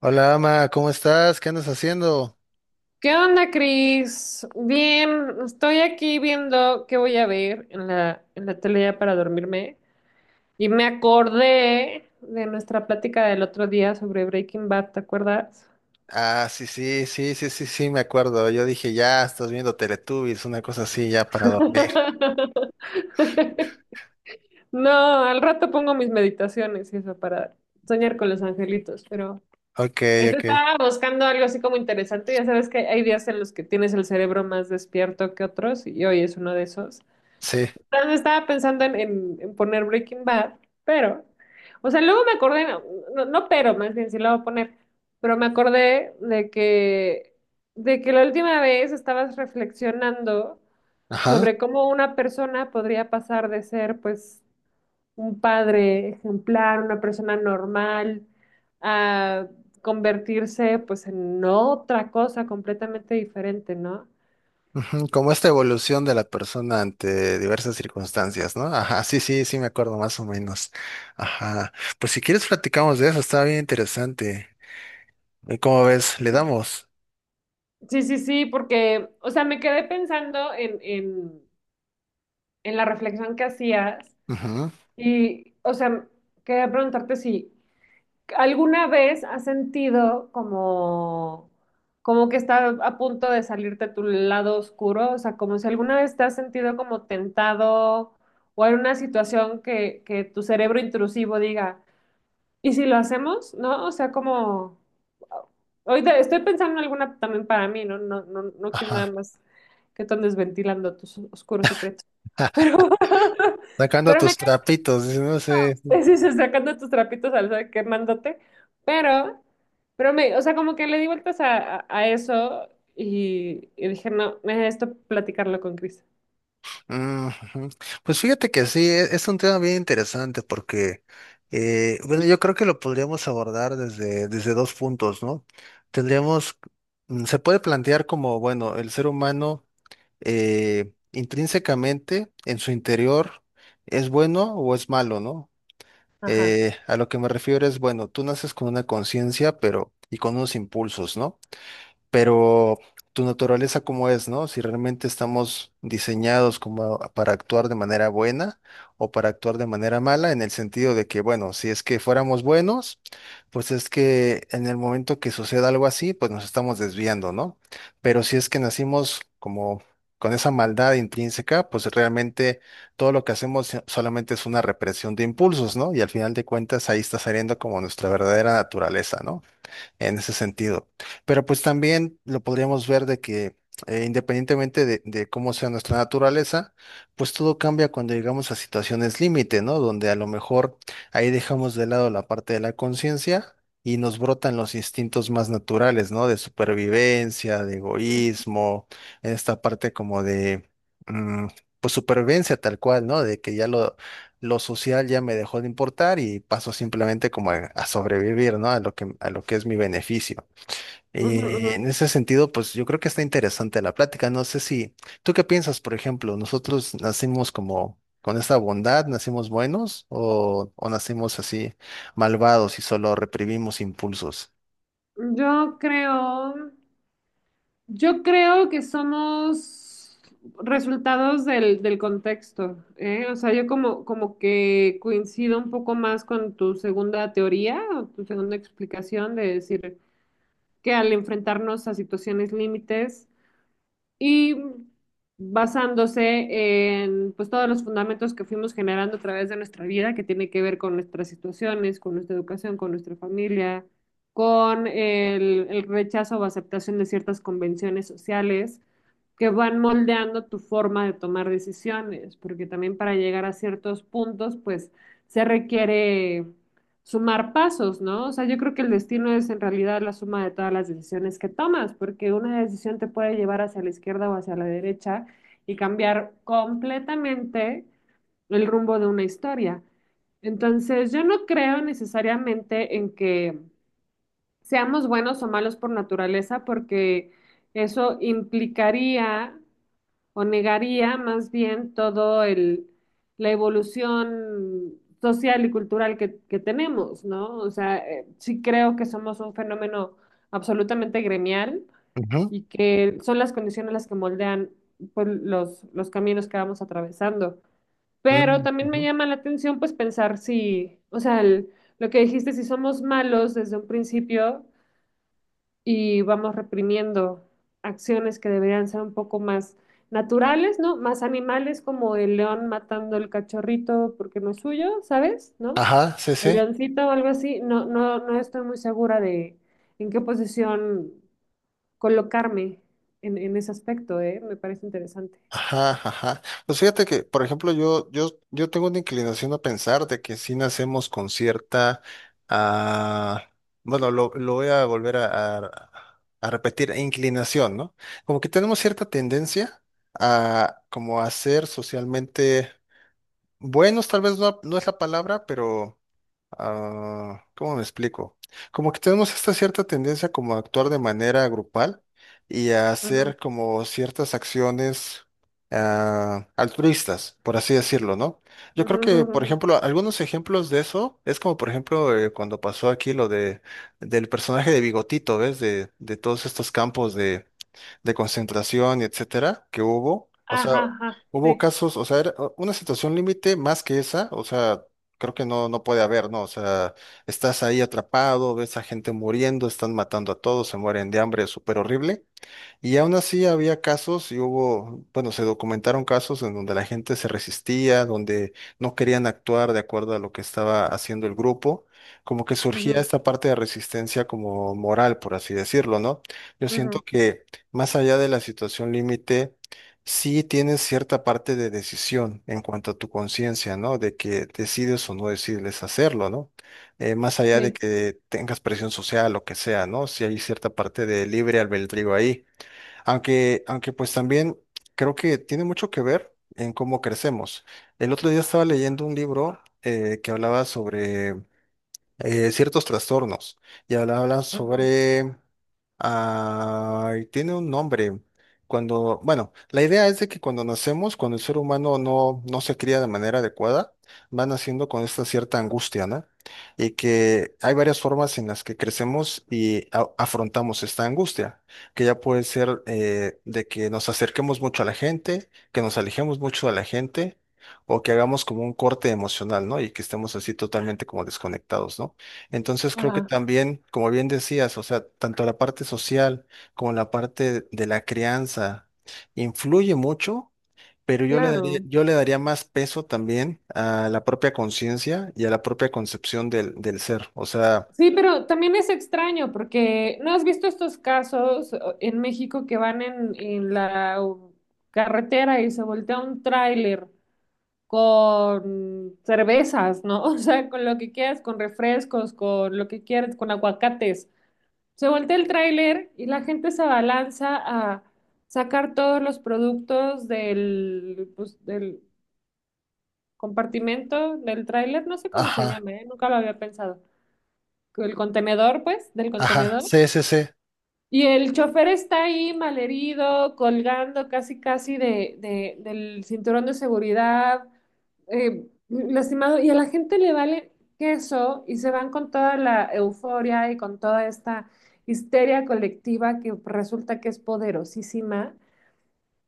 Hola, Ama, ¿cómo estás? ¿Qué andas haciendo? ¿Qué onda, Cris? Bien, estoy aquí viendo qué voy a ver en la tele ya para dormirme y me acordé de nuestra plática del otro día sobre Breaking Bad, ¿te acuerdas? Ah, sí, sí, sí, sí, sí, sí, me acuerdo. Yo dije, ya, estás viendo Teletubbies, una cosa así, ya para dormir. No, al rato pongo mis meditaciones y eso para soñar con los angelitos, pero Ok, pues ok. estaba buscando algo así como interesante. Ya sabes que hay días en los que tienes el cerebro más despierto que otros y hoy es uno de esos. Sí, Entonces, estaba pensando en poner Breaking Bad, pero, o sea, luego me acordé, no, no pero, más bien sí lo voy a poner, pero me acordé de que la última vez estabas reflexionando ajá. sobre cómo una persona podría pasar de ser, pues, un padre ejemplar, una persona normal, a convertirse, pues, en otra cosa completamente diferente, ¿no? Ujú, como esta evolución de la persona ante diversas circunstancias, ¿no? Ajá, sí, sí, sí, me acuerdo más o menos. Ajá. Pues si quieres platicamos de eso, está bien interesante. ¿Cómo ves? Le damos. Sí, sí, sí, porque, o sea, me quedé pensando en la reflexión que hacías Ujú. y, o sea, quería preguntarte si alguna vez has sentido como, como que está a punto de salirte tu lado oscuro, o sea, como si alguna vez te has sentido como tentado o hay una situación que tu cerebro intrusivo diga, ¿y si lo hacemos? ¿No? O sea, como... Ahorita estoy pensando en alguna también para mí, ¿no? No quiero nada Ajá. más que tú andes ventilando tus oscuros secretos. Pero, Sacando pero me tus trapitos, dice, no sé. sí, sí, sacando tus trapitos al sol, quemándote, pero, pero me, o sea, como que le di vueltas a eso y dije, no, esto platicarlo con Chris. Ujú. Pues fíjate que sí, es un tema bien interesante porque, bueno, yo creo que lo podríamos abordar desde, desde dos puntos, ¿no? Tendríamos, se puede plantear como, bueno, el ser humano intrínsecamente en su interior es bueno o es malo, ¿no? Ajá. A lo que me refiero es, bueno, tú naces con una conciencia, pero y con unos impulsos, ¿no? Pero tu naturaleza cómo es, ¿no? Si realmente estamos diseñados como para actuar de manera buena o para actuar de manera mala, en el sentido de que, bueno, si es que fuéramos buenos, pues es que en el momento que suceda algo así, pues nos estamos desviando, ¿no? Pero si es que nacimos como con esa maldad intrínseca, pues realmente todo lo que hacemos solamente es una represión de impulsos, ¿no? Y al final de cuentas ahí está saliendo como nuestra verdadera naturaleza, ¿no?, en ese sentido. Pero pues también lo podríamos ver de que independientemente de cómo sea nuestra naturaleza, pues todo cambia cuando llegamos a situaciones límite, ¿no? Donde a lo mejor ahí dejamos de lado la parte de la conciencia y nos brotan los instintos más naturales, ¿no? De supervivencia, de Ujú, egoísmo, en esta parte como de... mm, pues supervivencia tal cual, ¿no? De que ya lo social ya me dejó de importar y paso simplemente como a sobrevivir, ¿no? A lo que es mi beneficio. ujú, ujú. En ese sentido, pues yo creo que está interesante la plática. No sé si, ¿tú qué piensas, por ejemplo? ¿Nosotros nacimos como con esta bondad, nacimos buenos o nacimos así malvados y solo reprimimos impulsos? Yo creo, yo creo que somos resultados del contexto, ¿eh? O sea, yo como, como que coincido un poco más con tu segunda teoría o tu segunda explicación de decir que al enfrentarnos a situaciones límites, y basándose en pues todos los fundamentos que fuimos generando a través de nuestra vida, que tiene que ver con nuestras situaciones, con nuestra educación, con nuestra familia, con el rechazo o aceptación de ciertas convenciones sociales que van moldeando tu forma de tomar decisiones, porque también para llegar a ciertos puntos, pues se requiere sumar pasos, ¿no? O sea, yo creo que el destino es en realidad la suma de todas las decisiones que tomas, porque una decisión te puede llevar hacia la izquierda o hacia la derecha y cambiar completamente el rumbo de una historia. Entonces, yo no creo necesariamente en que seamos buenos o malos por naturaleza, porque eso implicaría o negaría más bien todo el, la evolución social y cultural que tenemos, ¿no? O sea, sí creo que somos un fenómeno absolutamente gremial Ujú. y que son las condiciones las que moldean pues, los caminos que vamos atravesando. Pero Mm, también me ujú. llama la atención pues pensar si, o sea, el- lo que dijiste, si somos malos desde un principio, y vamos reprimiendo acciones que deberían ser un poco más naturales, ¿no? Más animales como el león matando el cachorrito porque no es suyo, ¿sabes? ¿No? Ajá, sí, El sí. leoncito o algo así. No estoy muy segura de en qué posición colocarme en ese aspecto, ¿eh? Me parece interesante. Ajá, ajá. Pues fíjate que, por ejemplo, yo tengo una inclinación a pensar de que si nacemos con cierta, ah, bueno, lo voy a volver a repetir, inclinación, ¿no? Como que tenemos cierta tendencia a como a ser socialmente buenos, tal vez no, no es la palabra, pero ¿cómo me explico? Como que tenemos esta cierta tendencia como a actuar de manera grupal y a Ujú, hacer como ciertas acciones altruistas, por así decirlo, ¿no? Yo ujú, creo ujú, que, por ujú. ejemplo, algunos ejemplos de eso es como, por ejemplo, cuando pasó aquí lo de del personaje de Bigotito, ¿ves? De todos estos campos de concentración y etcétera que hubo. O sea, Ajá, ajá, hubo sí. casos, o sea, era una situación límite más que esa, o sea, creo que no, no puede haber, ¿no? O sea, estás ahí atrapado, ves a gente muriendo, están matando a todos, se mueren de hambre, súper horrible. Y aún así había casos y hubo, bueno, se documentaron casos en donde la gente se resistía, donde no querían actuar de acuerdo a lo que estaba haciendo el grupo, como que surgía Ujú, esta parte de resistencia como moral, por así decirlo, ¿no? Yo siento ujú, que más allá de la situación límite, sí tienes cierta parte de decisión en cuanto a tu conciencia, ¿no? De que decides o no decides hacerlo, ¿no? Más allá de sí. que tengas presión social, lo que sea, ¿no? Si hay cierta parte de libre albedrío ahí. Aunque, aunque pues también creo que tiene mucho que ver en cómo crecemos. El otro día estaba leyendo un libro que hablaba sobre ciertos trastornos. Y habla Ujú, sobre... Ay, tiene un nombre. Cuando, bueno, la idea es de que cuando nacemos, cuando el ser humano no, no se cría de manera adecuada, va naciendo con esta cierta angustia, ¿no? Y que hay varias formas en las que crecemos y afrontamos esta angustia, que ya puede ser de que nos acerquemos mucho a la gente, que nos alejemos mucho de la gente, o que hagamos como un corte emocional, ¿no? Y que estemos así totalmente como desconectados, ¿no? Entonces creo que ajá, también, como bien decías, o sea, tanto la parte social como la parte de la crianza influye mucho, pero claro. yo le daría más peso también a la propia conciencia y a la propia concepción del, del ser, o sea, Sí, pero también es extraño porque ¿no has visto estos casos o- en México que van en la u- carretera y se voltea un tráiler con cervezas, ¿no? O sea, con lo que quieras, con refrescos, con lo que quieras, con aguacates. Se voltea el tráiler y la gente se abalanza a sacar todos los productos del, pues, del compartimento del tráiler, no sé cómo se ajá, llama, ¿eh? Nunca lo había pensado. El contenedor, pues, del ajá, contenedor. sí, sí, sí, Y el chofer está ahí malherido, colgando casi casi de- del cinturón de seguridad, lastimado, y a la gente le vale queso y se van con toda la euforia y con toda esta histeria colectiva que resulta que es poderosísima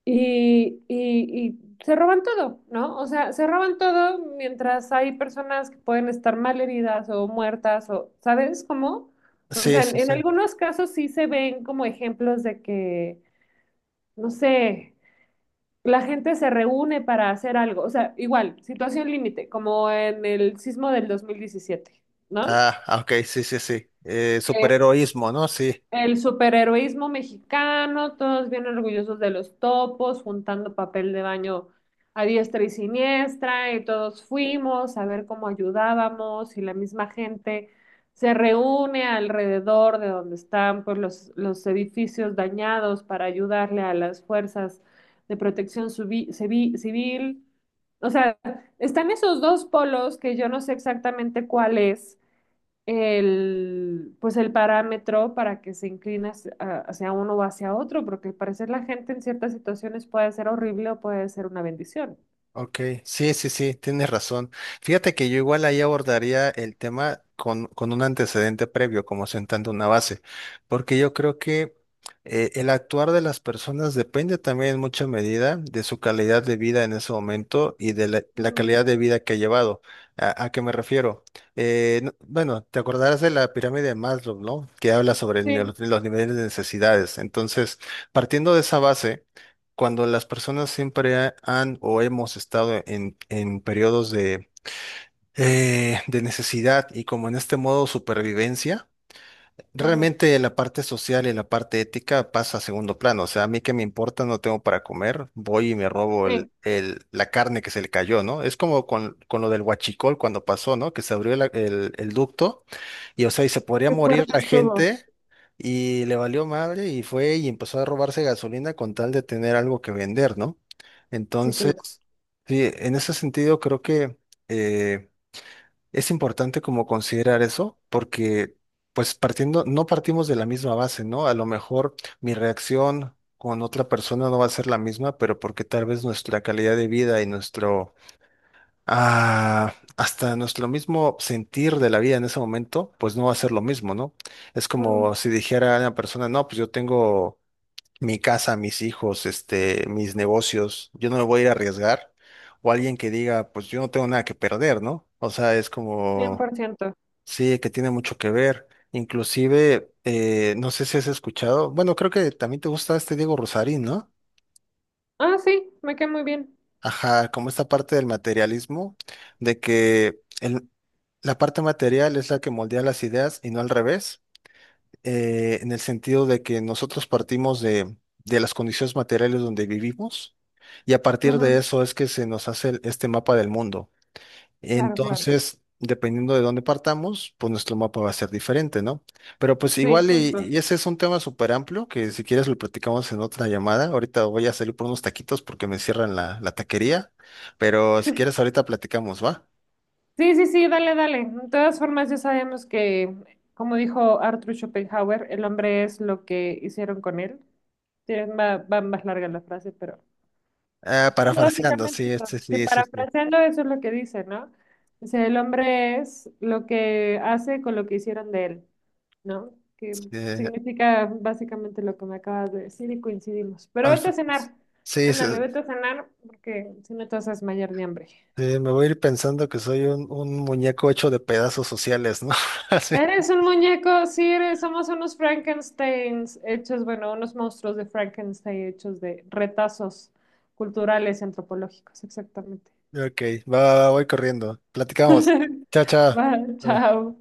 y, y se roban todo, ¿no? O sea, se roban todo mientras hay personas que pueden estar mal heridas o muertas o, ¿sabes cómo? O sí, sea, sí, en sí. algunos casos sí se ven como ejemplos de que, no sé, la gente se reúne para hacer algo. O sea, igual, situación límite, como en el sismo del 2017, ¿no? Ah, ok, sí, sí, sí. Que Superheroísmo, ¿no? Sí. el superheroísmo mexicano, todos bien orgullosos de los topos, juntando papel de baño a diestra y siniestra, y todos fuimos a ver cómo ayudábamos, y la misma gente se reúne alrededor de donde están pues, los edificios dañados para ayudarle a las fuerzas de protección subi- civi- civil. O sea, están esos dos polos que yo no sé exactamente cuál es el, pues el parámetro para que se incline hacia, hacia uno o hacia otro, porque al parecer la gente en ciertas situaciones puede ser horrible o puede ser una bendición. Ok, sí, sí, sí, tienes razón. Fíjate que yo igual ahí abordaría el tema con un antecedente previo, como sentando una base, porque yo creo que el actuar de las personas depende también en mucha medida de su calidad de vida en ese momento y de la, la Mm, calidad de vida que ha llevado. A qué me refiero? Bueno, te acordarás de la pirámide de Maslow, ¿no? Que habla sobre sí, los niveles de necesidades. Entonces, partiendo de esa base cuando las personas siempre han o hemos estado en periodos de necesidad y como en este modo supervivencia, ajá. realmente la parte social y la parte ética pasa a segundo plano. O sea, a mí que me importa, no tengo para comer, voy y me robo Sí, la carne que se le cayó, ¿no? Es como con lo del huachicol cuando pasó, ¿no? Que se abrió el ducto. Y o sea, y se podría qué morir fuerte la estuvo. gente y le valió madre y fue y empezó a robarse gasolina con tal de tener algo que vender, ¿no? Sí, qué loco. Entonces, sí, en ese sentido creo que eh, es importante como considerar eso porque pues partiendo, no partimos de la misma base, ¿no? A lo mejor mi reacción con otra persona no va a ser la misma, pero porque tal vez nuestra calidad de vida y nuestro hasta nuestro mismo sentir de la vida en ese momento, pues no va a ser lo mismo, ¿no? Es Ujú. como si dijera una persona, no, pues yo tengo mi casa, mis hijos, este, mis negocios, yo no me voy a ir a arriesgar. O alguien que diga, pues yo no tengo nada que perder, ¿no? O sea, es cien como, por ciento. sí, que tiene mucho que ver. Inclusive, no sé si has escuchado, bueno, creo que también te gusta este Diego Rosarín, ¿no? Ah, sí, me quedé muy bien. Ajá, como esta parte del materialismo, de que... El, la parte material es la que moldea las ideas y no al revés, en el sentido de que nosotros partimos de las condiciones materiales donde vivimos y a partir de Ujú, eso es que se nos hace este mapa del mundo. claro, claro. Entonces, dependiendo de dónde partamos, pues nuestro mapa va a ser diferente, ¿no? Pero pues Sí, igual justo. y ese es un tema súper amplio que si quieres lo platicamos en otra llamada. Ahorita voy a salir por unos taquitos porque me cierran la, la taquería, pero si quieres ahorita platicamos, ¿va? Sí, sí, sí, dale, dale. De todas formas, ya sabemos que, como dijo Arthur Schopenhauer, el hombre es lo que hicieron con él. Tiene- Va, va más larga la frase, pero Ah, sí, parafraseando, básicamente sí, eso. este, Que sí, sí, sí. parafraseando eso es lo que dice, ¿no? Dice, el hombre es lo que hace con lo que hicieron de él, ¿no? Que Eh, significa básicamente lo que me acabas de decir y coincidimos. Pero al- vete a cenar. sí, sí, Ándale, vete a cenar porque si no te vas a desmayar de hambre. Me voy a ir pensando que soy un muñeco hecho de pedazos sociales, ¿no? Así. Eres un muñeco, sí, eres, somos unos Frankensteins hechos, bueno, unos monstruos de Frankenstein hechos de retazos culturales y antropológicos, exactamente. Ok, va, va, va, voy corriendo. Platicamos. Chao, chao. Va, Bye. chao.